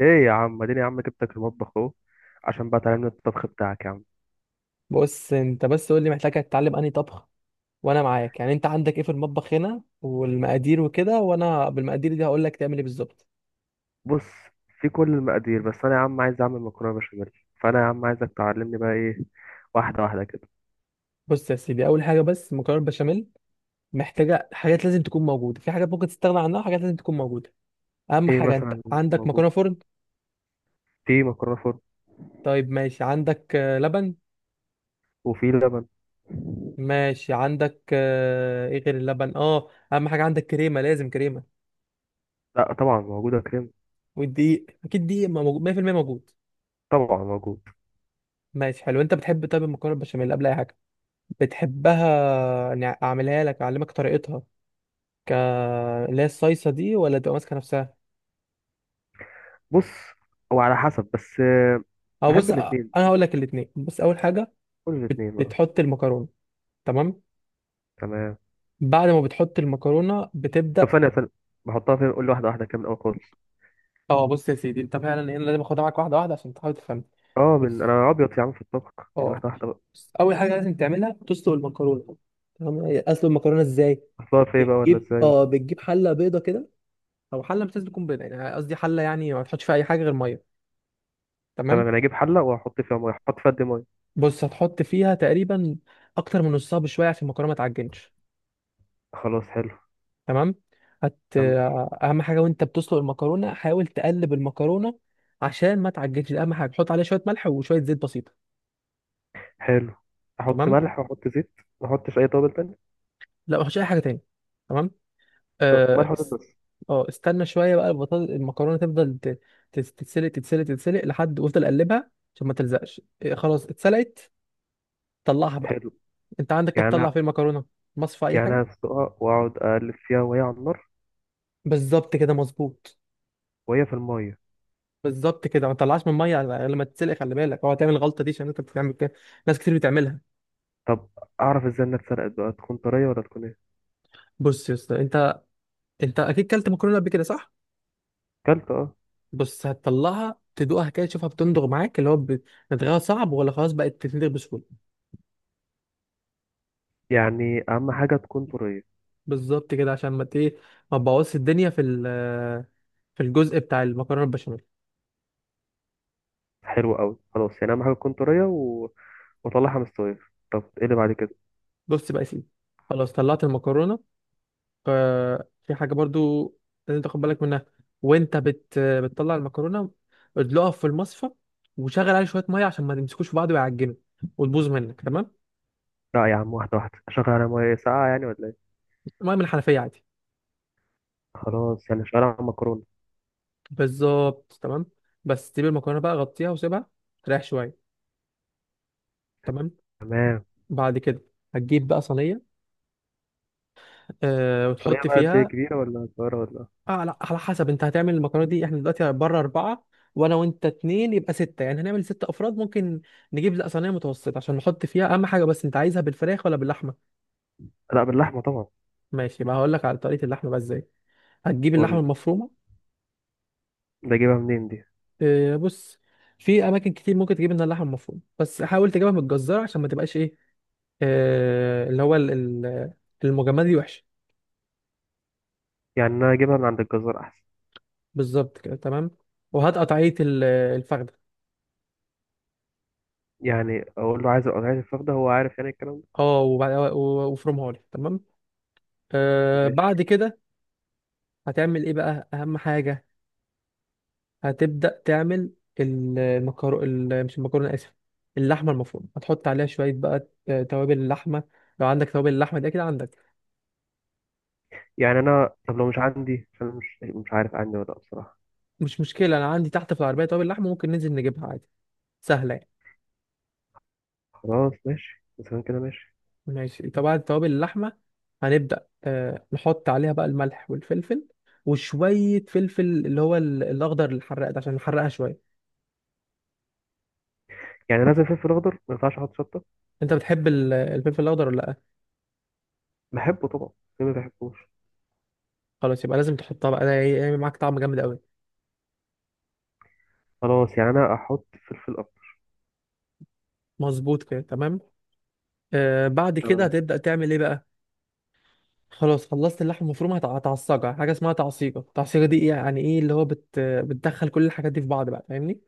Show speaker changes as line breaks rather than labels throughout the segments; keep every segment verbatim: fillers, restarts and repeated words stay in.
ايه يا عم، اديني يا عم، جبتك المطبخ اهو عشان بقى تعلمني الطبخ بتاعك يا عم.
بص، انت بس قول لي محتاج تتعلم انهي طبخ. وانا معاك، يعني انت عندك ايه في المطبخ هنا والمقادير وكده، وانا بالمقادير دي هقول لك تعمل ايه بالظبط.
بص، في كل المقادير، بس انا يا عم عايز اعمل مكرونه بشاميل. فانا يا عم عايزك تعلمني بقى ايه، واحده واحده كده.
بص يا سيدي، اول حاجه، بس مكرونه بشاميل محتاجه حاجات لازم تكون موجوده، في حاجات ممكن تستغنى عنها، وحاجات لازم تكون موجوده. اهم
ايه
حاجه، انت
مثلا؟
عندك
موجود.
مكرونه فرن؟
في مكرونه فرن.
طيب ماشي، عندك آه، لبن.
وفي لبن.
ماشي، عندك آه، ايه غير اللبن؟ اه، اهم حاجه، عندك كريمه، لازم كريمه.
لا طبعا، موجوده كريم.
والدقيق اكيد دقيق موجود- مية في المية موجود.
طبعا موجود.
ماشي حلو. انت بتحب، طيب، المكرونه بشاميل قبل اي حاجه بتحبها إني اعملها لك، اعلمك طريقتها، ك اللي هي الصيصه دي، ولا تبقى ماسكه نفسها؟
بص، هو على حسب بس آه،
اه،
بحب
بص
الاثنين،
انا
شوف.
هقول لك الاثنين. بص، اول حاجه،
كل
بت-
الاثنين، اه.
بتحط المكرونه. تمام.
تمام.
بعد ما بتحط المكرونه
طب،
بتبدا.
ثانيه ثانيه، بحطها فين؟ قول لي واحده واحده كده من الاول خالص.
اه، بص يا سيدي، انت فعلا إيه، انا لازم اخدها معاك واحده واحده عشان تحاول تفهم.
اه،
بس.
من انا ابيض يا عم في الطبخ. يعني
اه،
واحده واحده بقى.
بص اول حاجه لازم تعملها، تسلق المكرونه. تمام. هي اسلق المكرونه ازاي؟
احطها في ايه بقى ولا
بتجيب
ازاي؟
اه بتجيب حله بيضه كده. او حله مش لازم تكون بيضه، يعني قصدي حله يعني ما تحطش فيها اي حاجه غير ميه. تمام.
تمام، انا اجيب حله واحط فيها ميه. احط فيها قد إيه ميه؟
بص هتحط فيها تقريبا اكتر من نصها بشويه عشان المكرونه ما تعجنش.
خلاص حلو.
تمام. هت
كمل.
اهم حاجه وانت بتسلق المكرونه، حاول تقلب المكرونه عشان ما تعجنش، ده اهم حاجه. حط عليها شويه ملح وشويه زيت بسيطه.
حلو، احط
تمام.
ملح واحط زيت. ما احطش اي توابل تانية؟
لا ما تحطش اي حاجه تاني. تمام.
طب
اه،
ملح وزيت
اس-
بس.
آه، استنى شويه بقى. البطاطس المكرونه تفضل ت- تت- تتسلق تتسلق تتسلق لحد وافضل قلبها عشان ما تلزقش، إيه، خلاص اتسلقت. طلعها بقى.
حلو.
انت عندك
يعني
تطلع
أنا-
فين المكرونه؟ مصفى اي
يعني أنا
حاجه؟
هسلقها واقعد اقلب فيها وهي على النار،
بالظبط كده، مظبوط.
وهي في الميه.
بالظبط كده، ما تطلعش من الميه لما تتسلق، خلي بالك. هو هتعمل الغلطه دي عشان انت بتعمل كده، ناس كتير بتعملها.
طب، اعرف ازاي انها اتسلقت بقى؟ تكون طريه ولا تكون ايه؟
بص يا اسطى، انت انت اكيد كلت مكرونه قبل كده، صح؟
كلت، اه.
بص هتطلعها، تدوقها كده، تشوفها بتندغ معاك، اللي هو بت- رتغاها صعب ولا خلاص بقت تتندغ بسهوله.
يعني اهم حاجه تكون طريه.
بالظبط كده، عشان ما ت- ايه ما تبوظش الدنيا في ال- في الجزء بتاع المكرونه البشاميل.
حلو قوي. خلاص، يعني اهم حاجه تكون طريه، و... واطلعها مستويه. طب ايه اللي بعد كده؟
بص بقى يا سيدي، خلاص طلعت المكرونه. ففي حاجة برضو لازم تاخد بالك منها وانت بت... بتطلع المكرونة. ادلقها في المصفى، وشغل عليه شوية مية عشان ما تمسكوش في بعض ويعجنوا، وتبوظ منك. تمام.
لا يا عم، واحده واحده. اشغل على ميه ساقعه يعني ولا ايه؟
مية من الحنفية عادي.
خلاص، يعني شغال على مكرونه.
بالظبط، تمام. بس تجيب المكرونة بقى، غطيها وسيبها تريح شوية. تمام.
تمام.
بعد كده هتجيب بقى صينية، أه
صينية
وتحط
بقى قد إيه؟
فيها.
كبيرة ولا صغيرة ولا؟
اه لا، على حسب. انت هتعمل المكرونه دي احنا دلوقتي بره اربعه، وانا وانت اتنين، يبقى سته. يعني هنعمل ست افراد ممكن. نجيب، لا، صينيه متوسطه عشان نحط فيها. اهم حاجه، بس انت عايزها بالفراخ ولا باللحمه؟
لا باللحمة طبعا.
ماشي بقى، هقول لك على طريقه اللحمه بقى ازاي. هتجيب
قول
اللحمه
لي،
المفرومه.
ده أجيبها منين دي؟
اه بص، في اماكن كتير ممكن تجيب منها اللحمه المفرومه، بس حاول تجيبها متجزره عشان ما تبقاش ايه اه اللي هو ال- ال- المجمده دي وحشه.
يعني أنا أجيبها من عند الجزار أحسن؟
بالظبط كده، تمام. وهات قطعيه ال- الفخده.
يعني أقول له عايز عايز الفراخ، ده هو عارف يعني الكلام ده؟
اه، وبعد- و- وافرمها لي. تمام. آه
ماشي.
بعد كده، هتعمل ايه بقى؟ اهم حاجه، هتبدا تعمل المكرو ال- مش المكرونه، اسف، اللحمه المفرومه. هتحط عليها شويه بقى آه، توابل اللحمه. لو عندك توابل اللحمه دي، اكيد عندك.
يعني أنا، طب لو مش عندي؟ عشان أنا مش مش عارف عندي ولا لأ بصراحة.
مش مشكله، انا عندي تحت في العربيه توابل لحمه، ممكن ننزل نجيبها عادي، سهله يعني.
خلاص ماشي، مثلا كده ماشي.
ماشي طبعا، توابل اللحمه، هنبدا آه، نحط عليها بقى الملح والفلفل، وشويه فلفل اللي هو ال- الاخضر الحراق ده عشان نحرقها شويه.
يعني لازم فلفل أخضر؟ ما ينفعش أحط شطة؟
انت بتحب ال- الفلفل الاخضر ولا لا؟
بحبه طبعا، ليه ما بحبوش؟
خلاص، يبقى لازم تحطها بقى، ده هيعمل معاك طعم جامد قوي.
خلاص، يعني أنا أحط فلفل أخضر.
مظبوط كده، تمام. آه بعد كده
تمام.
هتبدأ تعمل ايه بقى؟ خلاص، خلصت اللحمة المفرومة. هتع- هتعصجها. حاجة اسمها تعصيجة. التعصيجة دي إيه؟ يعني ايه، اللي هو بت... بتدخل كل الحاجات دي في بعض بقى، فاهمني؟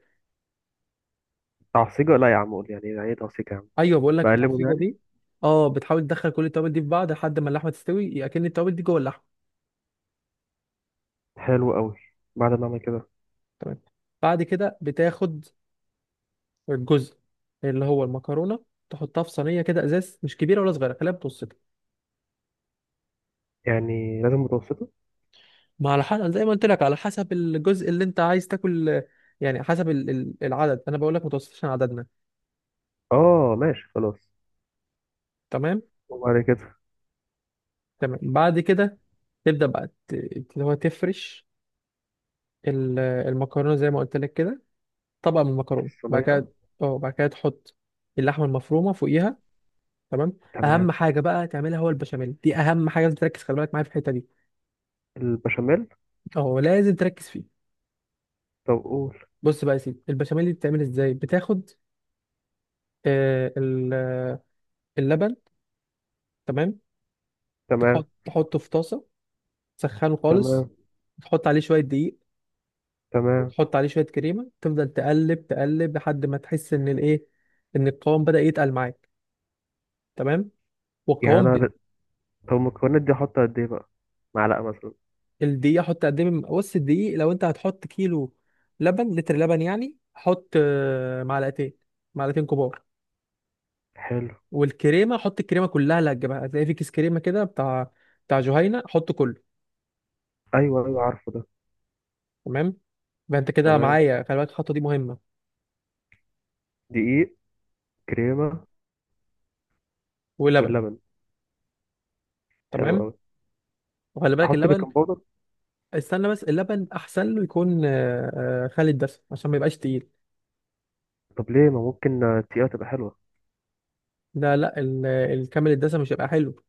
تعصيجة؟ لا يا عم، قول يعني، يعني إيه تعصيجة يا عم؟
ايوه، بقول لك
بقلبه
التعصيجة
يعني؟
دي. اه، بتحاول تدخل كل التوابل دي في بعض لحد ما اللحمة تستوي، اكن التوابل دي جوه اللحمة.
حلو قوي. بعد ما أعمل كده؟
تمام. بعد كده بتاخد الجزء اللي هو المكرونة، تحطها في صينية كده ازاز، مش كبيرة ولا صغيرة، خليها متوسطة.
يعني لازم متوسطة؟
ما على حسب، زي ما قلت لك، على حسب الجزء اللي انت عايز تاكل. يعني حسب ال- ال- العدد، انا بقول لك متوسط عشان عددنا.
اه ماشي خلاص.
تمام
وبعد كده؟
تمام. بعد كده تبدأ بقى ت- اللي هو تفرش ال- المكرونة زي ما قلت لك كده، طبقة من المكرونة. بعد
الصينية؟
كده، اه، بعد كده تحط اللحمة المفرومة فوقيها. تمام. أهم
تمام.
حاجة بقى تعملها، هو البشاميل دي أهم حاجة، لازم تركز. خلي بالك معايا في الحتة دي.
البشاميل؟
اه، لازم تركز فيه.
طب قول.
بص بقى يا سيدي، البشاميل دي بتعمل ازاي؟ بتاخد آه، ال- آه، اللبن. تمام.
تمام.
تحط تحطه في طاسة، تسخنه خالص.
تمام.
تحط عليه شوية دقيق،
تمام.
وتحط عليه شويه كريمه، تفضل تقلب تقلب لحد ما تحس ان الايه ان القوام بدا يتقل معاك. تمام.
يعني
والقوام ب...
أنا، طب المكونات دي أحط قد إيه بقى؟ معلقة مثلا؟
الدقيق حط قد ايه، من- بص الدقيق لو انت هتحط كيلو لبن، لتر لبن يعني، حط آه، معلقتين معلقتين كبار.
حلو.
والكريمه حط الكريمه كلها اللي هتجيبها، هتلاقي في كيس كريمه كده بتاع بتاع جهينه، حط كله.
أيوه أيوه، عارفه ده.
تمام، يبقى انت كده
تمام.
معايا، خلي بالك الخطوه دي مهمه.
دقيق، كريمة،
ولبن.
واللبن. حلو
تمام.
أوي.
وخلي بالك
أحط
اللبن.
بيكنج باودر؟
استنى بس، اللبن احسن له يكون آه، آه، خالي الدسم عشان ما يبقاش تقيل.
طب ليه ما ممكن آه، تقيلة تبقى حلوة؟
لا لا، ال- الكامل الدسم مش هيبقى حلو.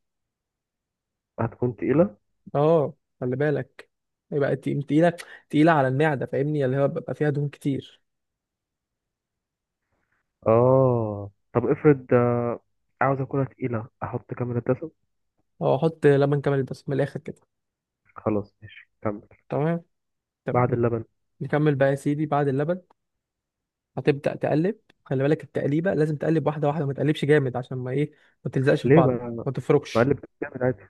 هتكون تقيلة.
اه، خلي بالك، يبقى تقيل- تقيله تقيله على المعده، فاهمني؟ اللي هو بيبقى فيها دهون كتير.
آه، طب افرض آه، عاوز أكلها تقيلة، أحط كام دسم؟
اه، احط لبن كامل الدسم من الاخر كده.
خلاص ماشي، كمل.
تمام.
بعد
طب
اللبن؟
نكمل بقى يا سيدي بعد اللبن. هتبدا تقلب. خلي بالك، التقليبه لازم تقلب واحده واحده، ما تقلبش جامد عشان ما ايه ما تلزقش في
ليه
بعض.
بقى؟
ما تفركش،
بقلب جامد عادي.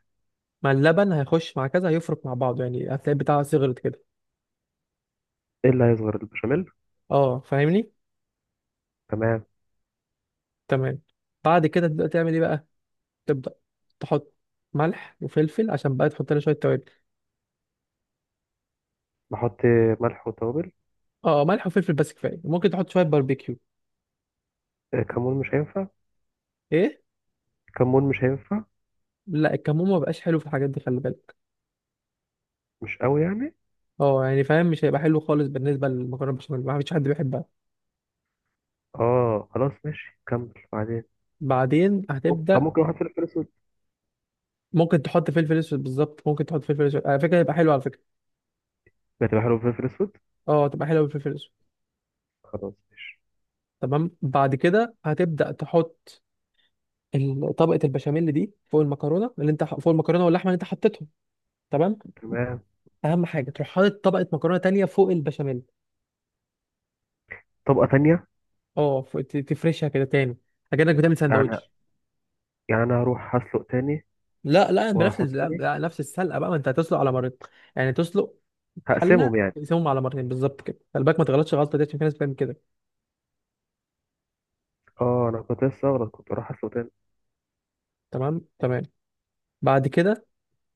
مع اللبن هيخش مع كذا، هيفرك مع بعضه يعني، هتلاقي بتاعها صغرت كده.
إيه اللي هيصغر البشاميل؟
اه، فاهمني.
تمام.
تمام. بعد كده تبدا تعمل ايه بقى؟ تبدأ تحط ملح وفلفل عشان بقى تحط لنا شوية توابل.
بحط ملح وتوابل.
اه، آه، ملح وفلفل بس كفاية. ممكن تحط شوية باربيكيو.
آه، كمون مش هينفع؟
ايه؟
كمون مش هينفع؟
لا، الكمون ما بقاش حلو في الحاجات دي، خلي بالك.
مش قوي يعني؟
اه يعني فاهم، مش هيبقى حلو خالص. بالنسبة للمكرونة بشاميل، ما فيش حد بيحبها.
اه خلاص ماشي كمل بعدين.
بعدين
طب
هتبدأ
ممكن احط فلفل اسود؟
ممكن تحط فلفل اسود. بالظبط، ممكن تحط فلفل اسود على فكرة، هيبقى حلو على فكرة.
هتبقى حلو فلفل اسود؟
اه، تبقى حلوة بالفلفل الاسود.
خلاص ماشي.
تمام، بعد كده هتبدأ تحط ال- طبقة البشاميل دي فوق المكرونة اللي انت ح- فوق المكرونة واللحمة اللي انت حطيتهم. تمام.
تمام.
اهم حاجة، تروح حاطط طبقة مكرونة تانية فوق البشاميل.
طبقة تانية؟
اه، ف- ت- تفرشها كده تاني، اكنك بتعمل
يعني
سندوتش.
يعني انا هروح هسلق تاني
لا لا بنفس
واحط
لا
تاني؟
لا، نفس السلقه بقى، ما انت هتسلق على مرتين. يعني تسلق حله،
هقسمهم يعني؟
تقسمهم على مرتين بالظبط كده. خلي بالك ما تغلطش غلطه دي، عشان في ناس بتعمل كده.
اه، انا كنت لسه اغلط، كنت اروح هسلق تاني.
تمام تمام. بعد كده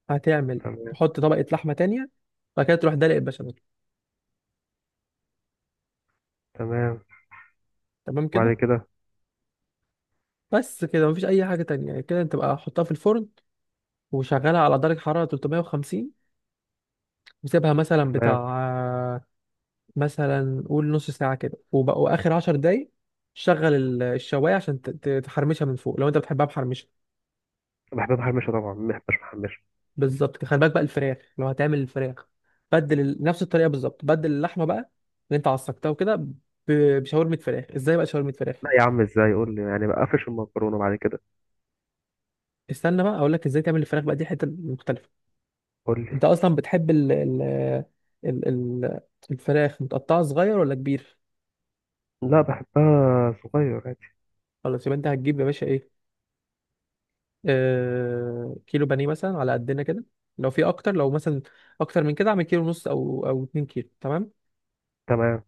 هتعمل
تمام
تحط طبقه لحمه تانية. بعد كده تروح دلق البشاميل.
تمام.
تمام كده.
وبعد كده؟
بس كده، مفيش اي حاجه تانية، يعني كده انت بقى حطها في الفرن، وشغلها على درجه حراره تلتمية وخمسين، وسيبها مثلا
تمام.
بتاع مثلا قول نص ساعة كده، وبقى وآخر عشر دقايق شغل ال- الشواية عشان ت- ت- تحرمشها من فوق، لو أنت بتحبها محرمشة.
بحب محمشة طبعا، محبش محمشة.
بالظبط كده. خلي بالك بقى، الفراخ لو هتعمل الفراخ، بدل ال- نفس الطريقة بالظبط، بدل اللحمة بقى اللي أنت عصقتها وكده، ب- بشاورمة فراخ. إزاي بقى شاورمة فراخ؟
لا يا عم، ازاي؟ قول لي يعني، بقفش المكرونة بعد كده؟
استنى بقى، أقول لك إزاي تعمل الفراخ بقى، دي حتة مختلفة.
قول لي.
أنت أصلا بتحب ال ال ال ال الفراخ متقطعة صغير ولا كبير؟
لا بحبها صغير عادي.
خلاص يبقى أنت هتجيب يا باشا إيه، آه، كيلو بانيه مثلا على قدنا كده. لو في اكتر، لو مثلا اكتر من كده، اعمل كيلو ونص او او 2 كيلو. تمام.
تمام.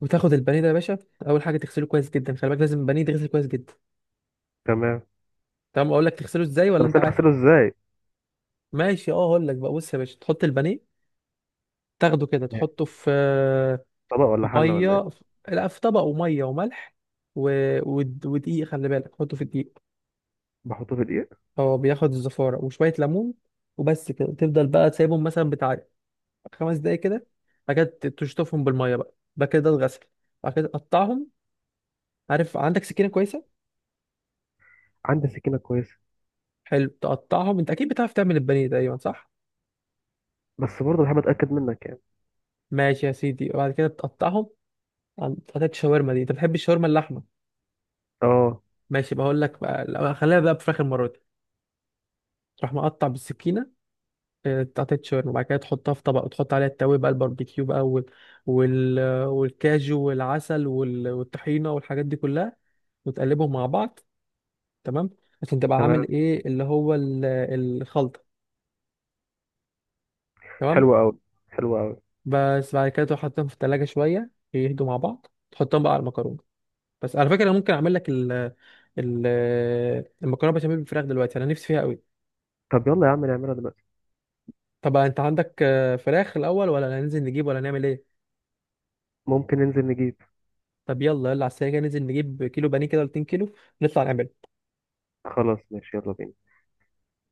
وتاخد البانيه ده يا باشا، اول حاجه تغسله كويس جدا. خلي بالك، لازم البانيه يتغسل كويس جدا.
تمام.
تمام. اقول لك تغسله ازاي
طب
ولا
بس
انت
انا
عارف؟
اغسله ازاي؟
ماشي، اه، اقول لك بقى، بص يا باشا، تحط البانيه، تاخده كده،
يعني
تحطه في آه،
طبق ولا حله ولا ايه؟
ميه في- لا، في طبق وميه وملح و... ود- ودقيق. خلي بالك حطه في الدقيق.
بحطه في دقيق؟
هو بياخد الزفاره، وشويه ليمون، وبس كده. تفضل بقى تسيبهم مثلا بتاع خمس دقايق كده. بعد كده تشطفهم بالميه بقى، بعد كده ده الغسل. بعد كده تقطعهم. عارف؟ عندك سكينه كويسه؟
عندي سكينه كويسه.
حلو، تقطعهم. انت اكيد بتعرف تعمل البانيه تقريبا، صح؟
بس برضه بحب اتاكد منك يعني.
ماشي يا سيدي، وبعد كده تقطعهم عن- حتت الشاورما. دي انت بتحب الشاورما اللحمه؟
اه.
ماشي، بقول لك بقى، لا، خليها بقى بفراخ المره دي. تروح مقطع بالسكينه آه، قطعتين شاورما. وبعد كده تحطها في طبق وتحط عليها التوابل بقى، الباربيكيو بقى وال... وال... والكاجو والعسل وال... والطحينه والحاجات دي كلها، وتقلبهم مع بعض. تمام. عشان تبقى عامل
تمام.
ايه، اللي هو ال- الخلطه. تمام.
حلوه قوي، حلوه قوي.
بس بعد كده تروح حاططهم في التلاجة، شويه يهدوا مع بعض، تحطهم بقى على المكرونه. بس على فكره، انا ممكن اعمل لك ال ال المكرونه بشاميل بالفراخ دلوقتي، انا نفسي فيها قوي.
طب يلا يا عم نعملها دلوقتي.
طب انت عندك آه، فراخ الاول ولا هننزل نجيب ولا نعمل ايه؟
ممكن ننزل نجيب.
طب يلا يلا، على السريع كده ننزل نجيب كيلو بانيه كده ولا 2 كيلو، نطلع نعمل.
خلاص ماشي، يلا بينا.